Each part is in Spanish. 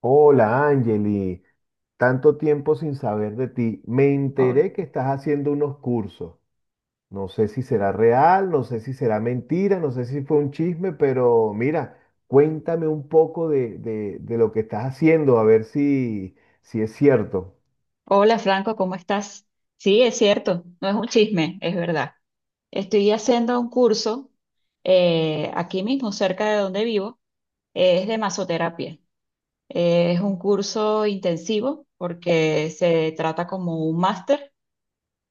Hola, Angeli. Tanto tiempo sin saber de ti. Me Hol- enteré que estás haciendo unos cursos. No sé si será real, no sé si será mentira, no sé si fue un chisme, pero mira, cuéntame un poco de lo que estás haciendo, a ver si, si es cierto. Hola Franco, ¿cómo estás? Sí, es cierto, no es un chisme, es verdad. Estoy haciendo un curso aquí mismo, cerca de donde vivo, es de masoterapia. Es un curso intensivo porque se trata como un máster,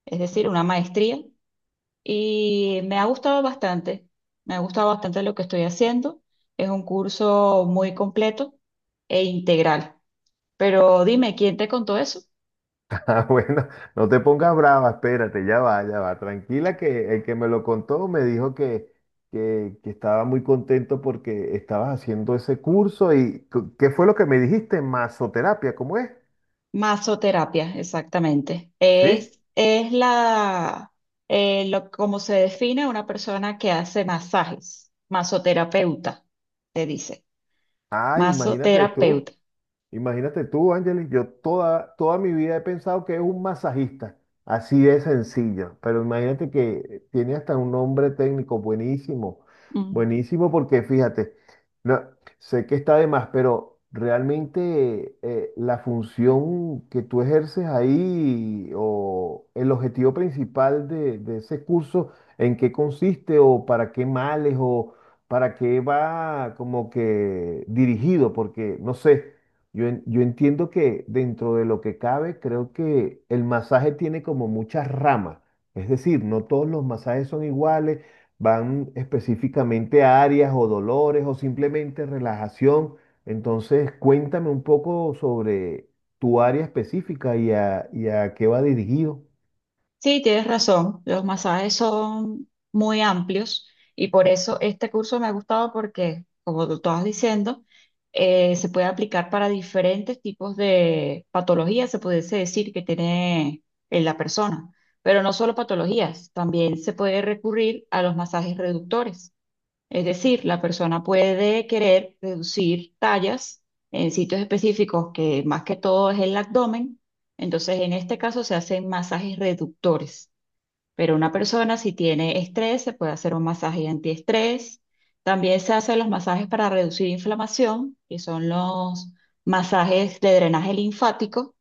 es decir, una maestría, y me ha gustado bastante, me ha gustado bastante lo que estoy haciendo. Es un curso muy completo e integral. Pero dime, ¿quién te contó eso? Ah, bueno, no te pongas brava, espérate, ya va, tranquila que el que me lo contó me dijo que estaba muy contento porque estabas haciendo ese curso. ¿Y ¿qué fue lo que me dijiste? Masoterapia, ¿cómo es? Masoterapia, exactamente. Sí. Es la, como se define una persona que hace masajes. Masoterapeuta, se dice. Ah, imagínate tú. Masoterapeuta. Imagínate tú, Ángeles, yo toda mi vida he pensado que es un masajista, así de sencillo, pero imagínate que tiene hasta un nombre técnico buenísimo, Mm. buenísimo porque fíjate, no, sé que está de más, pero realmente la función que tú ejerces ahí o el objetivo principal de ese curso, ¿en qué consiste o para qué males o para qué va como que dirigido? Porque no sé. Yo entiendo que dentro de lo que cabe, creo que el masaje tiene como muchas ramas. Es decir, no todos los masajes son iguales, van específicamente a áreas o dolores o simplemente relajación. Entonces, cuéntame un poco sobre tu área específica y a qué va dirigido. Sí, tienes razón. Los masajes son muy amplios y por eso este curso me ha gustado porque, como tú estabas diciendo, se puede aplicar para diferentes tipos de patologías, se pudiese decir, que tiene la persona. Pero no solo patologías, también se puede recurrir a los masajes reductores. Es decir, la persona puede querer reducir tallas en sitios específicos que más que todo es el abdomen. Entonces, en este caso se hacen masajes reductores. Pero una persona si tiene estrés, se puede hacer un masaje antiestrés. También se hacen los masajes para reducir inflamación, que son los masajes de drenaje linfático.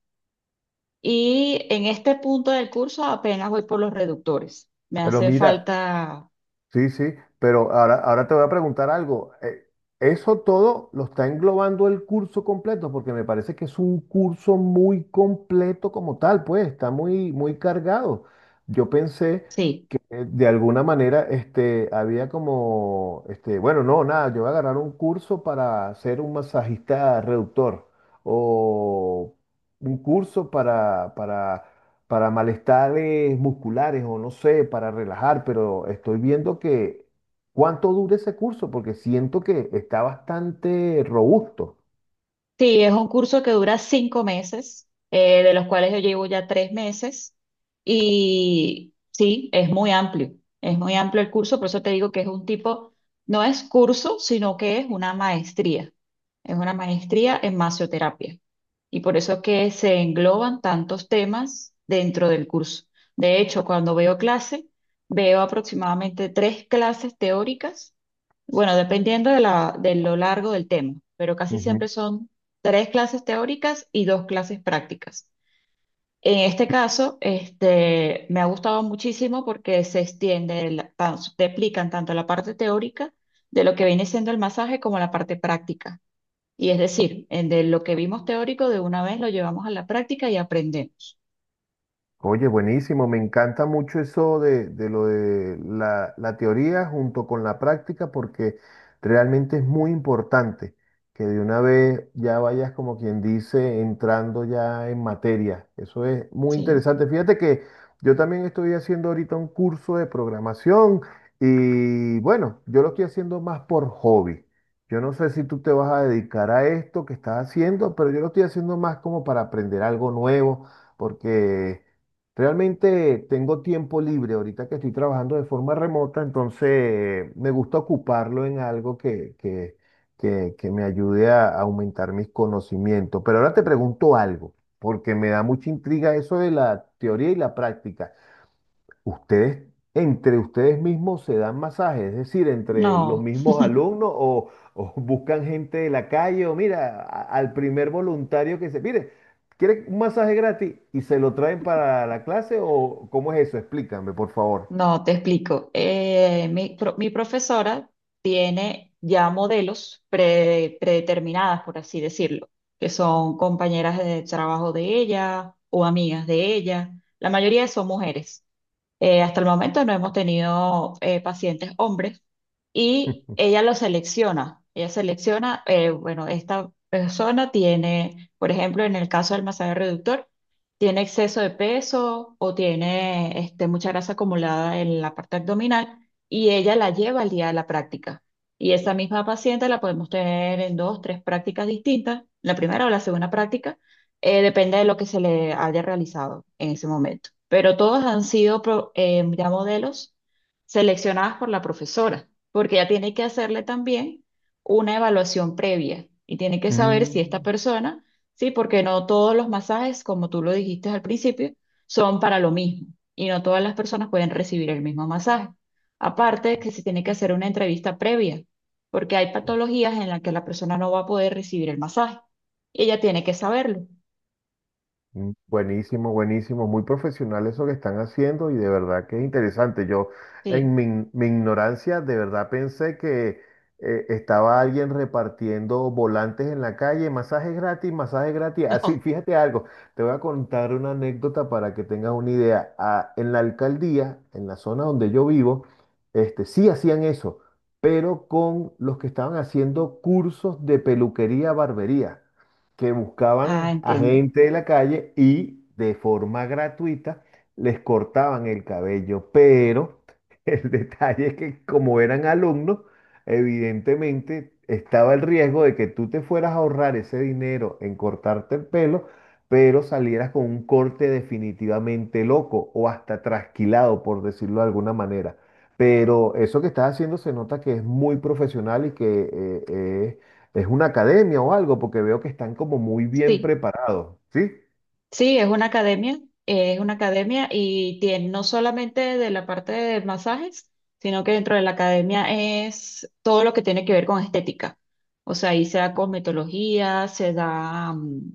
Y en este punto del curso apenas voy por los reductores. Me Pero hace mira, falta, sí, sí, pero ahora te voy a preguntar algo. ¿Eso todo lo está englobando el curso completo? Porque me parece que es un curso muy completo como tal, pues está muy, muy cargado. Yo pensé sí. De alguna manera, este, había como, este, bueno, no, nada, yo voy a agarrar un curso para ser un masajista reductor o un curso para malestares musculares o no sé, para relajar, pero estoy viendo que cuánto dura ese curso porque siento que está bastante robusto. Sí, es un curso que dura cinco meses, de los cuales yo llevo ya tres meses. Y sí, es muy amplio el curso, por eso te digo que es un tipo, no es curso, sino que es una maestría. Es una maestría en masoterapia. Y por eso es que se engloban tantos temas dentro del curso. De hecho, cuando veo clase, veo aproximadamente tres clases teóricas. Bueno, dependiendo de lo largo del tema, pero casi siempre son tres clases teóricas y dos clases prácticas. En este caso, me ha gustado muchísimo porque se extiende, te explican tanto la parte teórica de lo que viene siendo el masaje como la parte práctica. Y es decir, en de lo que vimos teórico de una vez lo llevamos a la práctica y aprendemos. Oye, buenísimo, me encanta mucho eso de lo de la teoría junto con la práctica porque realmente es muy importante que de una vez ya vayas como quien dice entrando ya en materia. Eso es muy Sí, interesante. Fíjate que yo también estoy haciendo ahorita un curso de programación y bueno, yo lo estoy haciendo más por hobby. Yo no sé si tú te vas a dedicar a esto que estás haciendo, pero yo lo estoy haciendo más como para aprender algo nuevo porque... Realmente tengo tiempo libre ahorita que estoy trabajando de forma remota, entonces me gusta ocuparlo en algo que me ayude a aumentar mis conocimientos. Pero ahora te pregunto algo, porque me da mucha intriga eso de la teoría y la práctica. Ustedes, entre ustedes mismos se dan masajes, es decir, entre los no. mismos alumnos o buscan gente de la calle o mira, al primer voluntario que se, mire, ¿quiere un masaje gratis y se lo traen para la clase o cómo es eso? Explícame, por favor. No, te explico. Mi profesora tiene ya modelos predeterminadas, por así decirlo, que son compañeras de trabajo de ella o amigas de ella. La mayoría son mujeres. Hasta el momento no hemos tenido pacientes hombres y ella lo selecciona. Ella selecciona, bueno, esta persona tiene, por ejemplo, en el caso del masaje reductor, tiene exceso de peso o tiene mucha grasa acumulada en la parte abdominal y ella la lleva al día de la práctica. Y esa misma paciente la podemos tener en dos, tres prácticas distintas, la primera o la segunda práctica, depende de lo que se le haya realizado en ese momento pero todos han sido ya modelos seleccionados por la profesora, porque ella tiene que hacerle también una evaluación previa y tiene que saber si esta Mm. persona, sí, porque no todos los masajes, como tú lo dijiste al principio, son para lo mismo y no todas las personas pueden recibir el mismo masaje. Aparte de que se tiene que hacer una entrevista previa, porque hay patologías en las que la persona no va a poder recibir el masaje y ella tiene que saberlo. Mm, buenísimo, buenísimo, muy profesional eso que están haciendo y de verdad que es interesante. Yo en Sí, mi, in- Mi ignorancia de verdad pensé que estaba alguien repartiendo volantes en la calle, masajes gratis, masajes gratis. Así, no. fíjate algo, te voy a contar una anécdota para que tengas una idea. Ah, en la alcaldía, en la zona donde yo vivo, este, sí hacían eso, pero con los que estaban haciendo cursos de peluquería, barbería que Ah, buscaban a entiendo. gente de la calle y de forma gratuita les cortaban el cabello. Pero el detalle es que como eran alumnos, evidentemente estaba el riesgo de que tú te fueras a ahorrar ese dinero en cortarte el pelo, pero salieras con un corte definitivamente loco o hasta trasquilado, por decirlo de alguna manera. Pero eso que estás haciendo se nota que es muy profesional y que ¿es una academia o algo? Porque veo que están como muy bien Sí. preparados, ¿sí? Sí, es una academia y tiene no solamente de la parte de masajes, sino que dentro de la academia es todo lo que tiene que ver con estética. O sea, ahí se da cosmetología, se da mm,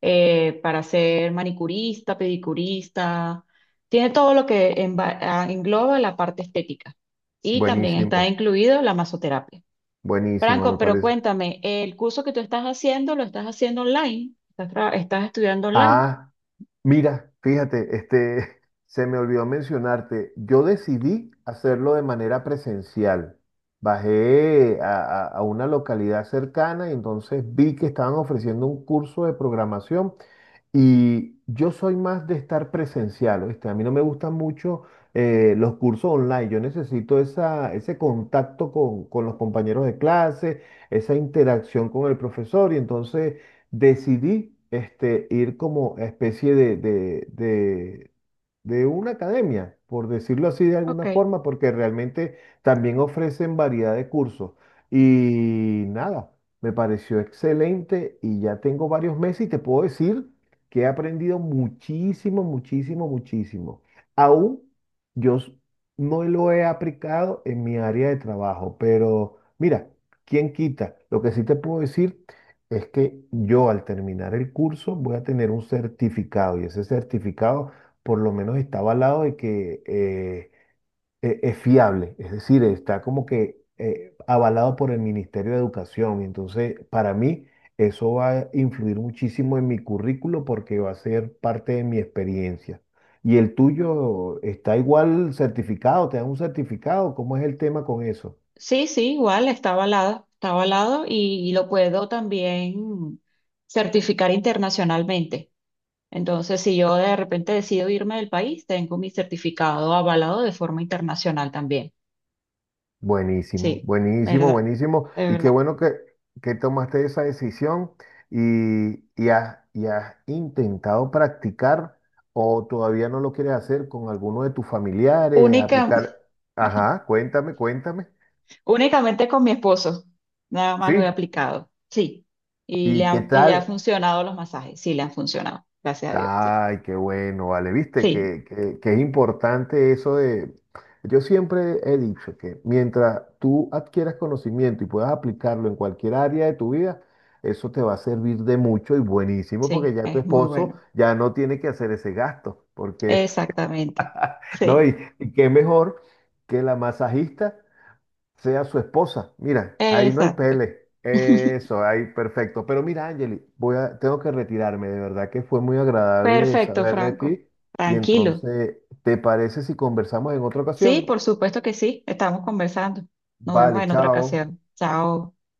eh, para ser manicurista, pedicurista, tiene todo lo que engloba la parte estética. Y también está Buenísimo, incluido la masoterapia. buenísimo, Franco, me pero parece. cuéntame, ¿el curso que tú estás haciendo lo estás haciendo online? ¿Estás estudiando online? Ah, mira, fíjate, este, se me olvidó mencionarte, yo decidí hacerlo de manera presencial. Bajé a una localidad cercana y entonces vi que estaban ofreciendo un curso de programación. Y yo soy más de estar presencial, ¿oíste? A mí no me gustan mucho los cursos online. Yo necesito esa, ese contacto con los compañeros de clase, esa interacción con el profesor. Y entonces decidí este, ir como especie de una academia, por decirlo así de alguna Ok. forma, porque realmente también ofrecen variedad de cursos. Y nada, me pareció excelente y ya tengo varios meses y te puedo decir que he aprendido muchísimo, muchísimo, muchísimo. Aún yo s- no lo he aplicado en mi área de trabajo, pero mira, ¿quién quita? Lo que sí te puedo decir es que yo al terminar el curso voy a tener un certificado y ese certificado por lo menos está avalado de que es fiable, es decir, está como que avalado por el Ministerio de Educación. Y entonces, para mí, eso va a influir muchísimo en mi currículo porque va a ser parte de mi experiencia. ¿Y el tuyo está igual certificado? ¿Te dan un certificado? ¿Cómo es el tema con eso? Sí, sí, igual, está avalado y lo puedo también certificar internacionalmente. Entonces, si yo de repente decido irme del país, tengo mi certificado avalado de forma internacional también. Buenísimo, Sí, buenísimo, ¿verdad? buenísimo. De Y qué verdad. bueno que tomaste esa decisión y, y has intentado practicar o todavía no lo quieres hacer con alguno de tus familiares, Única, aplicar. Ajá, cuéntame, cuéntame. únicamente con mi esposo, nada más Sí, lo he aplicado. Sí, ¿y qué y le ha tal? funcionado los masajes, sí, le han funcionado, gracias a Dios. Sí, Ay, qué bueno, vale. Viste sí, que es importante eso de... Yo siempre he dicho que mientras tú adquieras conocimiento y puedas aplicarlo en cualquier área de tu vida, eso te va a servir de mucho y buenísimo porque sí, ya tu es muy esposo bueno. ya no tiene que hacer ese gasto, porque, Exactamente. ¿no? Sí, Y qué mejor que la masajista sea su esposa. Mira, ahí no hay exacto. pele. Eso, ahí perfecto. Pero mira, Angeli, voy a, tengo que retirarme. De verdad que fue muy agradable Perfecto, saber de Franco. ti. Y Tranquilo. entonces, ¿te parece si conversamos en otra Sí, ocasión? por supuesto que sí. Estamos conversando. Nos vemos Vale, en otra chao. ocasión. Chao.